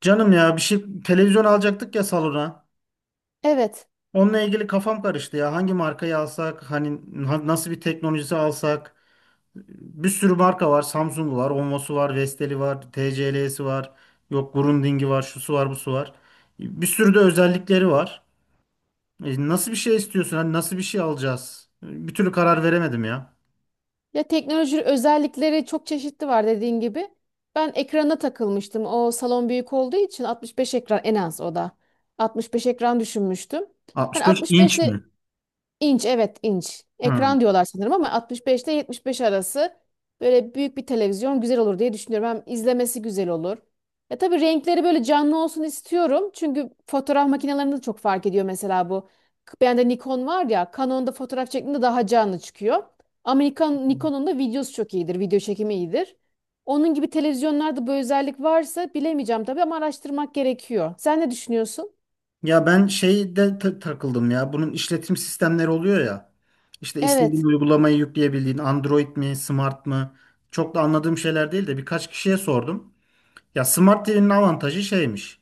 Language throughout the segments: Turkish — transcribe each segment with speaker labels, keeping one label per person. Speaker 1: Canım ya bir şey televizyon alacaktık ya salona.
Speaker 2: Evet.
Speaker 1: Onunla ilgili kafam karıştı ya. Hangi markayı alsak, hani nasıl bir teknolojisi alsak? Bir sürü marka var. Samsung var, Onvo'su var, Vestel'i var, TCL'si var. Yok Grundig'i var, şusu var, busu var. Bir sürü de özellikleri var. E, nasıl bir şey istiyorsun? Hani nasıl bir şey alacağız? Bir türlü karar veremedim ya.
Speaker 2: Ya teknoloji özellikleri çok çeşitli var dediğin gibi. Ben ekrana takılmıştım. O salon büyük olduğu için 65 ekran en az o da. 65 ekran düşünmüştüm. Hani
Speaker 1: 65
Speaker 2: 65
Speaker 1: inç mi?
Speaker 2: İnç evet, inç.
Speaker 1: Hı.
Speaker 2: Ekran diyorlar sanırım, ama 65 ile 75 arası böyle büyük bir televizyon güzel olur diye düşünüyorum. Hem izlemesi güzel olur. Ya tabii renkleri böyle canlı olsun istiyorum. Çünkü fotoğraf makinelerinde de çok fark ediyor, mesela bu. Bende Nikon var ya, Canon'da fotoğraf çektiğinde daha canlı çıkıyor. Ama Nikon, Nikon'un da videosu çok iyidir. Video çekimi iyidir. Onun gibi televizyonlarda bu özellik varsa bilemeyeceğim tabii, ama araştırmak gerekiyor. Sen ne düşünüyorsun?
Speaker 1: Ya ben şeyde takıldım ya. Bunun işletim sistemleri oluyor ya. İşte istediğin
Speaker 2: Evet.
Speaker 1: uygulamayı yükleyebildiğin Android mi, Smart mı? Çok da anladığım şeyler değil de birkaç kişiye sordum. Ya Smart TV'nin avantajı şeymiş.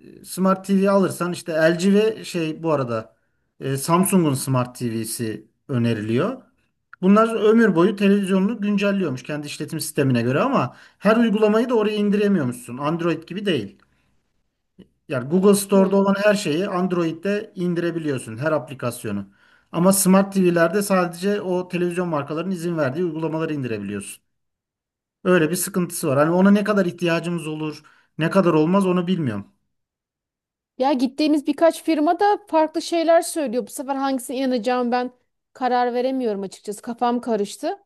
Speaker 1: E, Smart TV alırsan işte LG ve şey bu arada Samsung'un Smart TV'si öneriliyor. Bunlar ömür boyu televizyonunu güncelliyormuş kendi işletim sistemine göre ama her uygulamayı da oraya indiremiyormuşsun. Android gibi değil. Yani Google Store'da olan her şeyi Android'de indirebiliyorsun, her aplikasyonu. Ama Smart TV'lerde sadece o televizyon markalarının izin verdiği uygulamaları indirebiliyorsun. Öyle bir sıkıntısı var. Hani ona ne kadar ihtiyacımız olur, ne kadar olmaz onu bilmiyorum.
Speaker 2: Ya gittiğimiz birkaç firma da farklı şeyler söylüyor. Bu sefer hangisine inanacağım ben, karar veremiyorum açıkçası. Kafam karıştı.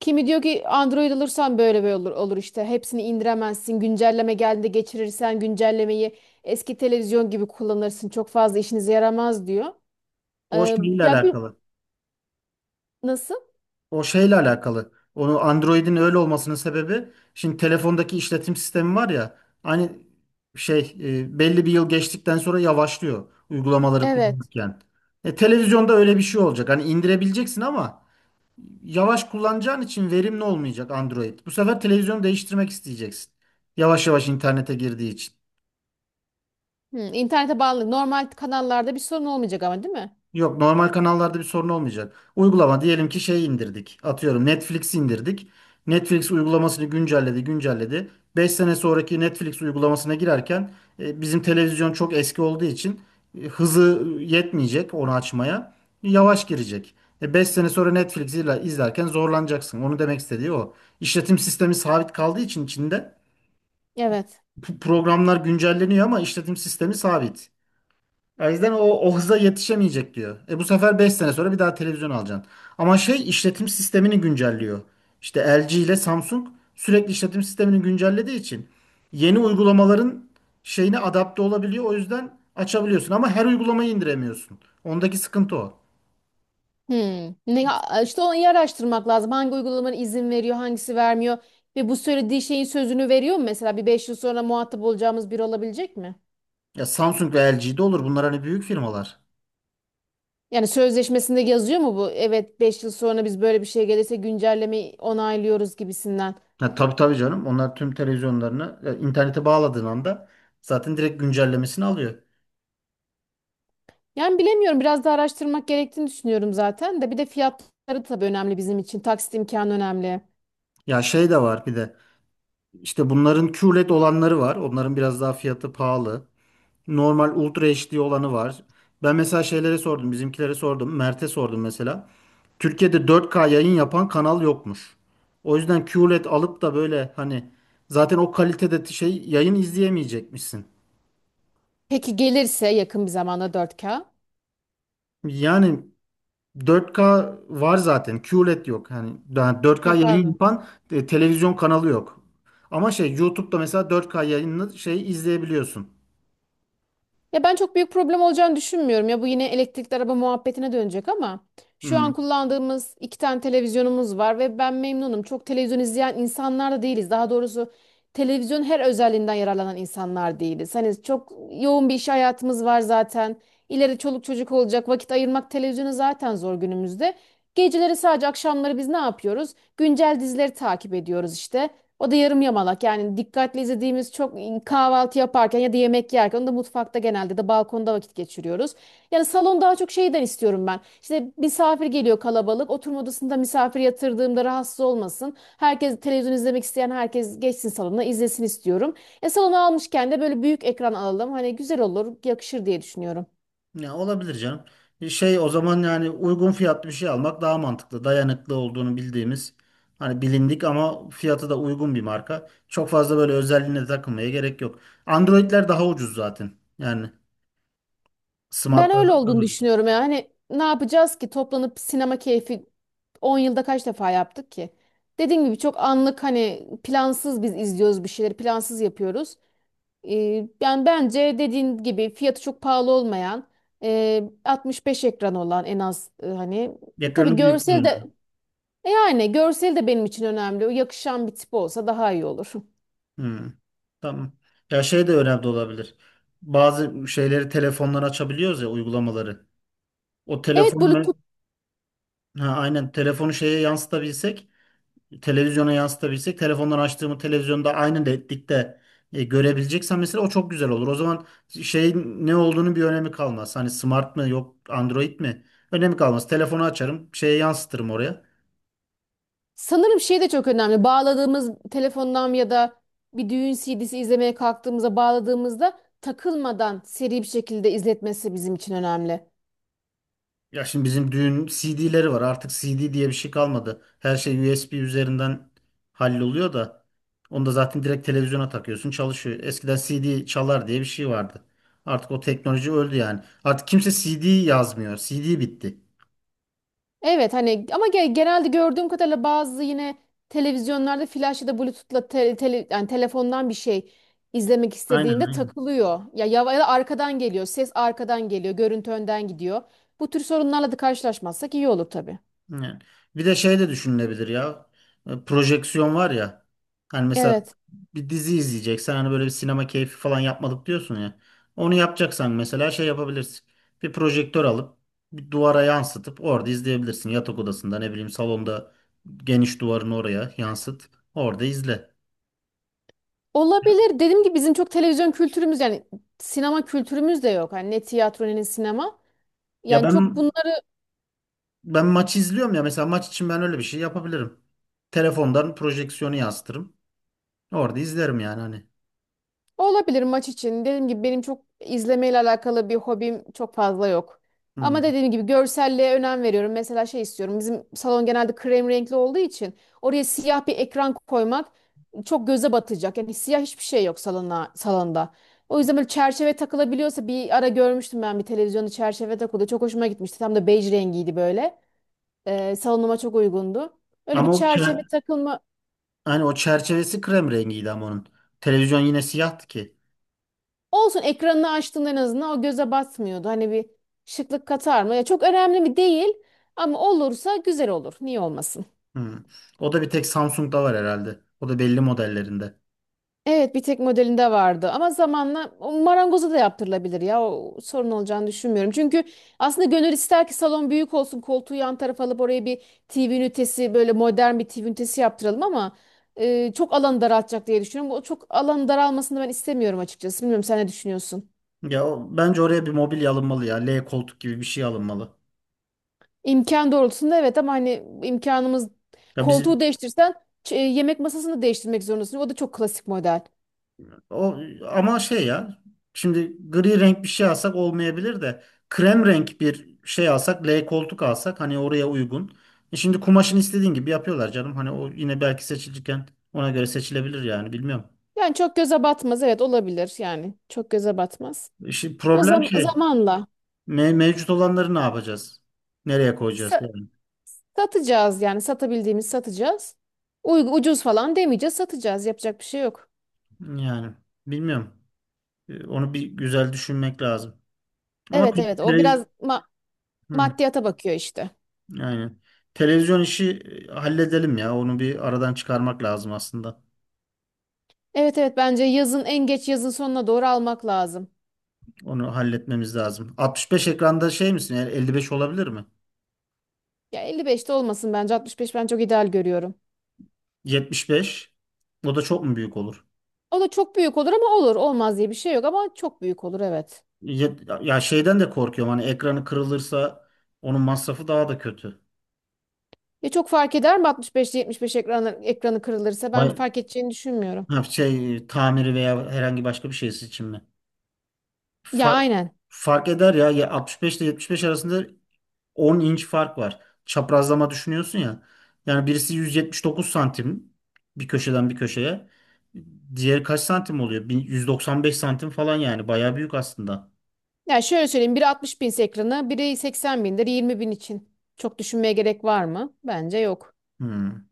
Speaker 2: Kimi diyor ki Android alırsan böyle böyle olur, olur işte. Hepsini indiremezsin. Güncelleme geldiğinde geçirirsen güncellemeyi eski televizyon gibi kullanırsın. Çok fazla işinize yaramaz diyor.
Speaker 1: O
Speaker 2: Ee,
Speaker 1: şeyle
Speaker 2: Ya bir
Speaker 1: alakalı.
Speaker 2: nasıl?
Speaker 1: O şeyle alakalı. Onu Android'in öyle olmasının sebebi şimdi telefondaki işletim sistemi var ya hani şey belli bir yıl geçtikten sonra yavaşlıyor uygulamaları
Speaker 2: Evet.
Speaker 1: kullanırken. E, televizyonda öyle bir şey olacak. Hani indirebileceksin ama yavaş kullanacağın için verimli olmayacak Android. Bu sefer televizyonu değiştirmek isteyeceksin. Yavaş yavaş internete girdiği için.
Speaker 2: Hı, internete bağlı. Normal kanallarda bir sorun olmayacak, ama değil mi?
Speaker 1: Yok, normal kanallarda bir sorun olmayacak. Uygulama diyelim ki şey indirdik. Atıyorum Netflix indirdik. Netflix uygulamasını güncelledi, güncelledi. 5 sene sonraki Netflix uygulamasına girerken bizim televizyon çok eski olduğu için hızı yetmeyecek onu açmaya. Yavaş girecek. E, 5 sene sonra Netflix'i izlerken zorlanacaksın. Onu demek istediği o. İşletim sistemi sabit kaldığı için içinde
Speaker 2: Evet.
Speaker 1: programlar güncelleniyor ama işletim sistemi sabit. O yüzden o hıza yetişemeyecek diyor. E bu sefer 5 sene sonra bir daha televizyon alacaksın. Ama şey işletim sistemini güncelliyor. İşte LG ile Samsung sürekli işletim sistemini güncellediği için yeni uygulamaların şeyine adapte olabiliyor. O yüzden açabiliyorsun ama her uygulamayı indiremiyorsun. Ondaki sıkıntı o.
Speaker 2: Hmm. İşte onu iyi araştırmak lazım. Hangi uygulamanın izin veriyor, hangisi vermiyor ve bu söylediği şeyin sözünü veriyor mu? Mesela bir 5 yıl sonra muhatap olacağımız biri olabilecek mi?
Speaker 1: Ya Samsung ve LG de olur. Bunlar hani büyük firmalar.
Speaker 2: Yani sözleşmesinde yazıyor mu bu? Evet, 5 yıl sonra biz böyle bir şey gelirse güncellemeyi onaylıyoruz gibisinden.
Speaker 1: Ha, tabii tabii canım. Onlar tüm televizyonlarını ya, internete bağladığın anda zaten direkt güncellemesini alıyor.
Speaker 2: Yani bilemiyorum, biraz da araştırmak gerektiğini düşünüyorum zaten, de bir de fiyatları tabii önemli bizim için. Taksit imkanı önemli.
Speaker 1: Ya şey de var bir de işte bunların QLED olanları var. Onların biraz daha fiyatı pahalı. Normal Ultra HD olanı var. Ben mesela şeylere sordum, bizimkilere sordum, Mert'e sordum mesela. Türkiye'de 4K yayın yapan kanal yokmuş. O yüzden QLED alıp da böyle hani zaten o kalitede şey yayın izleyemeyecekmişsin.
Speaker 2: Peki gelirse yakın bir zamanda 4K.
Speaker 1: Yani 4K var zaten, QLED yok. Yani daha 4K yayın
Speaker 2: Yapar.
Speaker 1: yapan televizyon kanalı yok. Ama şey YouTube'da mesela 4K yayını şey izleyebiliyorsun.
Speaker 2: Ya ben çok büyük problem olacağını düşünmüyorum. Ya bu yine elektrikli araba muhabbetine dönecek, ama şu
Speaker 1: Hmm.
Speaker 2: an kullandığımız 2 tane televizyonumuz var ve ben memnunum. Çok televizyon izleyen insanlar da değiliz. Daha doğrusu televizyon her özelliğinden yararlanan insanlar değiliz. Hani çok yoğun bir iş hayatımız var zaten. İleri çoluk çocuk olacak. Vakit ayırmak televizyona zaten zor günümüzde. Geceleri, sadece akşamları biz ne yapıyoruz? Güncel dizileri takip ediyoruz işte. O da yarım yamalak, yani dikkatli izlediğimiz çok, kahvaltı yaparken ya da yemek yerken, onu da mutfakta, genelde de balkonda vakit geçiriyoruz. Yani salon daha çok şeyden istiyorum ben. İşte misafir geliyor, kalabalık oturma odasında misafir yatırdığımda rahatsız olmasın. Herkes, televizyon izlemek isteyen herkes geçsin salona izlesin istiyorum. Salonu almışken de böyle büyük ekran alalım, hani güzel olur, yakışır diye düşünüyorum.
Speaker 1: Ya olabilir canım. Bir şey o zaman, yani uygun fiyatlı bir şey almak daha mantıklı. Dayanıklı olduğunu bildiğimiz hani bilindik ama fiyatı da uygun bir marka. Çok fazla böyle özelliğine takılmaya gerek yok. Android'ler daha ucuz zaten. Yani
Speaker 2: Ben öyle
Speaker 1: smartlardan daha
Speaker 2: olduğunu
Speaker 1: ucuz.
Speaker 2: düşünüyorum ya. Hani ne yapacağız ki, toplanıp sinema keyfi 10 yılda kaç defa yaptık ki? Dediğim gibi çok anlık, hani plansız biz izliyoruz, bir şeyleri plansız yapıyoruz. Yani bence dediğin gibi, fiyatı çok pahalı olmayan, 65 ekran olan en az, hani tabii
Speaker 1: Ekranı büyüklüğü
Speaker 2: görsel de,
Speaker 1: önemli.
Speaker 2: yani görsel de benim için önemli. O yakışan bir tip olsa daha iyi olur.
Speaker 1: Hmm. Tamam. Ya şey de önemli olabilir. Bazı şeyleri telefondan açabiliyoruz ya, uygulamaları. O
Speaker 2: Evet,
Speaker 1: telefonu
Speaker 2: Bulut.
Speaker 1: me, ha, aynen, telefonu şeye yansıtabilsek, televizyona yansıtabilsek, telefondan açtığımı televizyonda aynı netlikte görebileceksem mesela o çok güzel olur. O zaman şeyin ne olduğunu bir önemi kalmaz. Hani smart mı yok Android mi? Önemi kalmaz. Telefonu açarım, şeye yansıtırım oraya.
Speaker 2: Sanırım şey de çok önemli. Bağladığımız telefondan ya da bir düğün CD'si izlemeye kalktığımızda, bağladığımızda takılmadan seri bir şekilde izletmesi bizim için önemli.
Speaker 1: Ya şimdi bizim düğün CD'leri var. Artık CD diye bir şey kalmadı. Her şey USB üzerinden halloluyor da onu da zaten direkt televizyona takıyorsun, çalışıyor. Eskiden CD çalar diye bir şey vardı. Artık o teknoloji öldü yani. Artık kimse CD yazmıyor. CD bitti.
Speaker 2: Evet, hani ama genelde gördüğüm kadarıyla bazı yine televizyonlarda flash ya da Bluetooth'la yani telefondan bir şey izlemek
Speaker 1: Aynen
Speaker 2: istediğinde
Speaker 1: aynen.
Speaker 2: takılıyor. Ya da arkadan geliyor. Ses arkadan geliyor. Görüntü önden gidiyor. Bu tür sorunlarla da karşılaşmazsak iyi olur tabii.
Speaker 1: Yani. Bir de şey de düşünülebilir ya. E, projeksiyon var ya. Hani mesela
Speaker 2: Evet.
Speaker 1: bir dizi izleyeceksen, hani böyle bir sinema keyfi falan yapmadık diyorsun ya. Onu yapacaksan mesela şey yapabilirsin. Bir projektör alıp bir duvara yansıtıp orada izleyebilirsin. Yatak odasında, ne bileyim, salonda geniş duvarın oraya yansıt. Orada izle.
Speaker 2: Olabilir. Dediğim gibi bizim çok televizyon kültürümüz, yani sinema kültürümüz de yok. Hani ne tiyatro ne sinema.
Speaker 1: Ya
Speaker 2: Yani çok
Speaker 1: ben
Speaker 2: bunları
Speaker 1: ben maç izliyorum ya, mesela maç için ben öyle bir şey yapabilirim. Telefondan projeksiyonu yansıtırım. Orada izlerim yani, hani.
Speaker 2: olabilir maç için. Dediğim gibi benim çok izlemeyle alakalı bir hobim çok fazla yok.
Speaker 1: Hmm.
Speaker 2: Ama dediğim gibi, görselliğe önem veriyorum. Mesela şey istiyorum. Bizim salon genelde krem renkli olduğu için oraya siyah bir ekran koymak çok göze batacak. Yani siyah hiçbir şey yok salona, salonda. O yüzden böyle çerçeve takılabiliyorsa, bir ara görmüştüm ben bir televizyonda çerçeve takıldı. Çok hoşuma gitmişti. Tam da bej rengiydi böyle. Salonuma çok uygundu. Öyle bir
Speaker 1: Ama o
Speaker 2: çerçeve
Speaker 1: kağıt,
Speaker 2: takılma
Speaker 1: hani o çerçevesi krem rengiydi ama onun. Televizyon yine siyahtı ki.
Speaker 2: olsun, ekranını açtığında en azından o göze batmıyordu. Hani bir şıklık katar mı? Ya çok önemli mi değil, ama olursa güzel olur. Niye olmasın?
Speaker 1: Hmm. O da bir tek Samsung'da var herhalde. O da belli modellerinde.
Speaker 2: Evet, bir tek modelinde vardı ama zamanla o marangoza da yaptırılabilir ya, o sorun olacağını düşünmüyorum. Çünkü aslında gönül ister ki salon büyük olsun, koltuğu yan tarafa alıp oraya bir TV ünitesi, böyle modern bir TV ünitesi yaptıralım, ama çok alanı daraltacak diye düşünüyorum. O çok alanı daralmasını ben istemiyorum açıkçası. Bilmiyorum, sen ne düşünüyorsun?
Speaker 1: Ya o, bence oraya bir mobilya alınmalı ya. L koltuk gibi bir şey alınmalı.
Speaker 2: İmkan doğrultusunda evet, ama hani imkanımız,
Speaker 1: Ya
Speaker 2: koltuğu
Speaker 1: bizim
Speaker 2: değiştirsen yemek masasını değiştirmek zorundasın. O da çok klasik model.
Speaker 1: o, ama şey ya. Şimdi gri renk bir şey alsak olmayabilir de, krem renk bir şey alsak, L koltuk alsak, hani oraya uygun. E şimdi kumaşını istediğin gibi yapıyorlar canım. Hani o yine belki seçilirken ona göre seçilebilir yani, bilmiyorum.
Speaker 2: Yani çok göze batmaz, evet, olabilir, yani çok göze batmaz.
Speaker 1: İşte
Speaker 2: O
Speaker 1: problem şey.
Speaker 2: zamanla
Speaker 1: Mevcut olanları ne yapacağız? Nereye koyacağız
Speaker 2: sa-
Speaker 1: yani?
Speaker 2: satacağız, yani satabildiğimiz satacağız. Ucuz falan demeyeceğiz, satacağız, yapacak bir şey yok.
Speaker 1: Yani bilmiyorum. Onu bir güzel düşünmek lazım. Ama
Speaker 2: Evet, evet, o biraz
Speaker 1: televizyon,
Speaker 2: maddiyata bakıyor işte.
Speaker 1: yani televizyon işi halledelim ya. Onu bir aradan çıkarmak lazım aslında.
Speaker 2: Evet, evet, bence yazın, en geç yazın sonuna doğru almak lazım.
Speaker 1: Onu halletmemiz lazım. 65 ekranda şey misin? Yani 55 olabilir mi?
Speaker 2: Ya 55'te olmasın, bence 65 ben çok ideal görüyorum.
Speaker 1: 75. O da çok mu büyük olur?
Speaker 2: O da çok büyük olur, ama olur. Olmaz diye bir şey yok ama çok büyük olur, evet.
Speaker 1: Ya şeyden de korkuyorum. Hani ekranı kırılırsa onun masrafı daha da kötü.
Speaker 2: Ya çok fark eder mi 65 ile 75 ekranı, ekranı kırılırsa ben
Speaker 1: Bay
Speaker 2: fark edeceğini düşünmüyorum.
Speaker 1: ha, şey tamiri veya herhangi başka bir şeysi için mi?
Speaker 2: Ya
Speaker 1: Fark,
Speaker 2: aynen.
Speaker 1: fark eder ya. Ya 65 ile 75 arasında 10 inç fark var. Çaprazlama düşünüyorsun ya. Yani birisi 179 santim, bir köşeden bir köşeye. Diğeri kaç santim oluyor? 195 santim falan yani. Bayağı büyük aslında.
Speaker 2: Ya şöyle söyleyeyim, biri 60 binse ekranı, biri 80 bindir, 20 bin için. Çok düşünmeye gerek var mı? Bence yok.
Speaker 1: Hmm.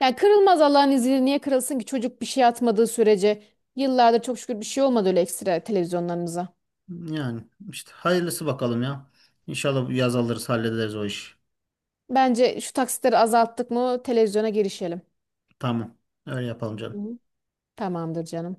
Speaker 2: Yani kırılmaz Allah'ın izniyle, niye kırılsın ki, çocuk bir şey atmadığı sürece yıllardır çok şükür bir şey olmadı öyle ekstra televizyonlarımıza.
Speaker 1: Yani işte hayırlısı bakalım ya. İnşallah bu yaz alırız, hallederiz o işi.
Speaker 2: Bence şu taksitleri azalttık mı televizyona girişelim.
Speaker 1: Tamam. Öyle yapalım canım.
Speaker 2: Hı. Tamamdır canım.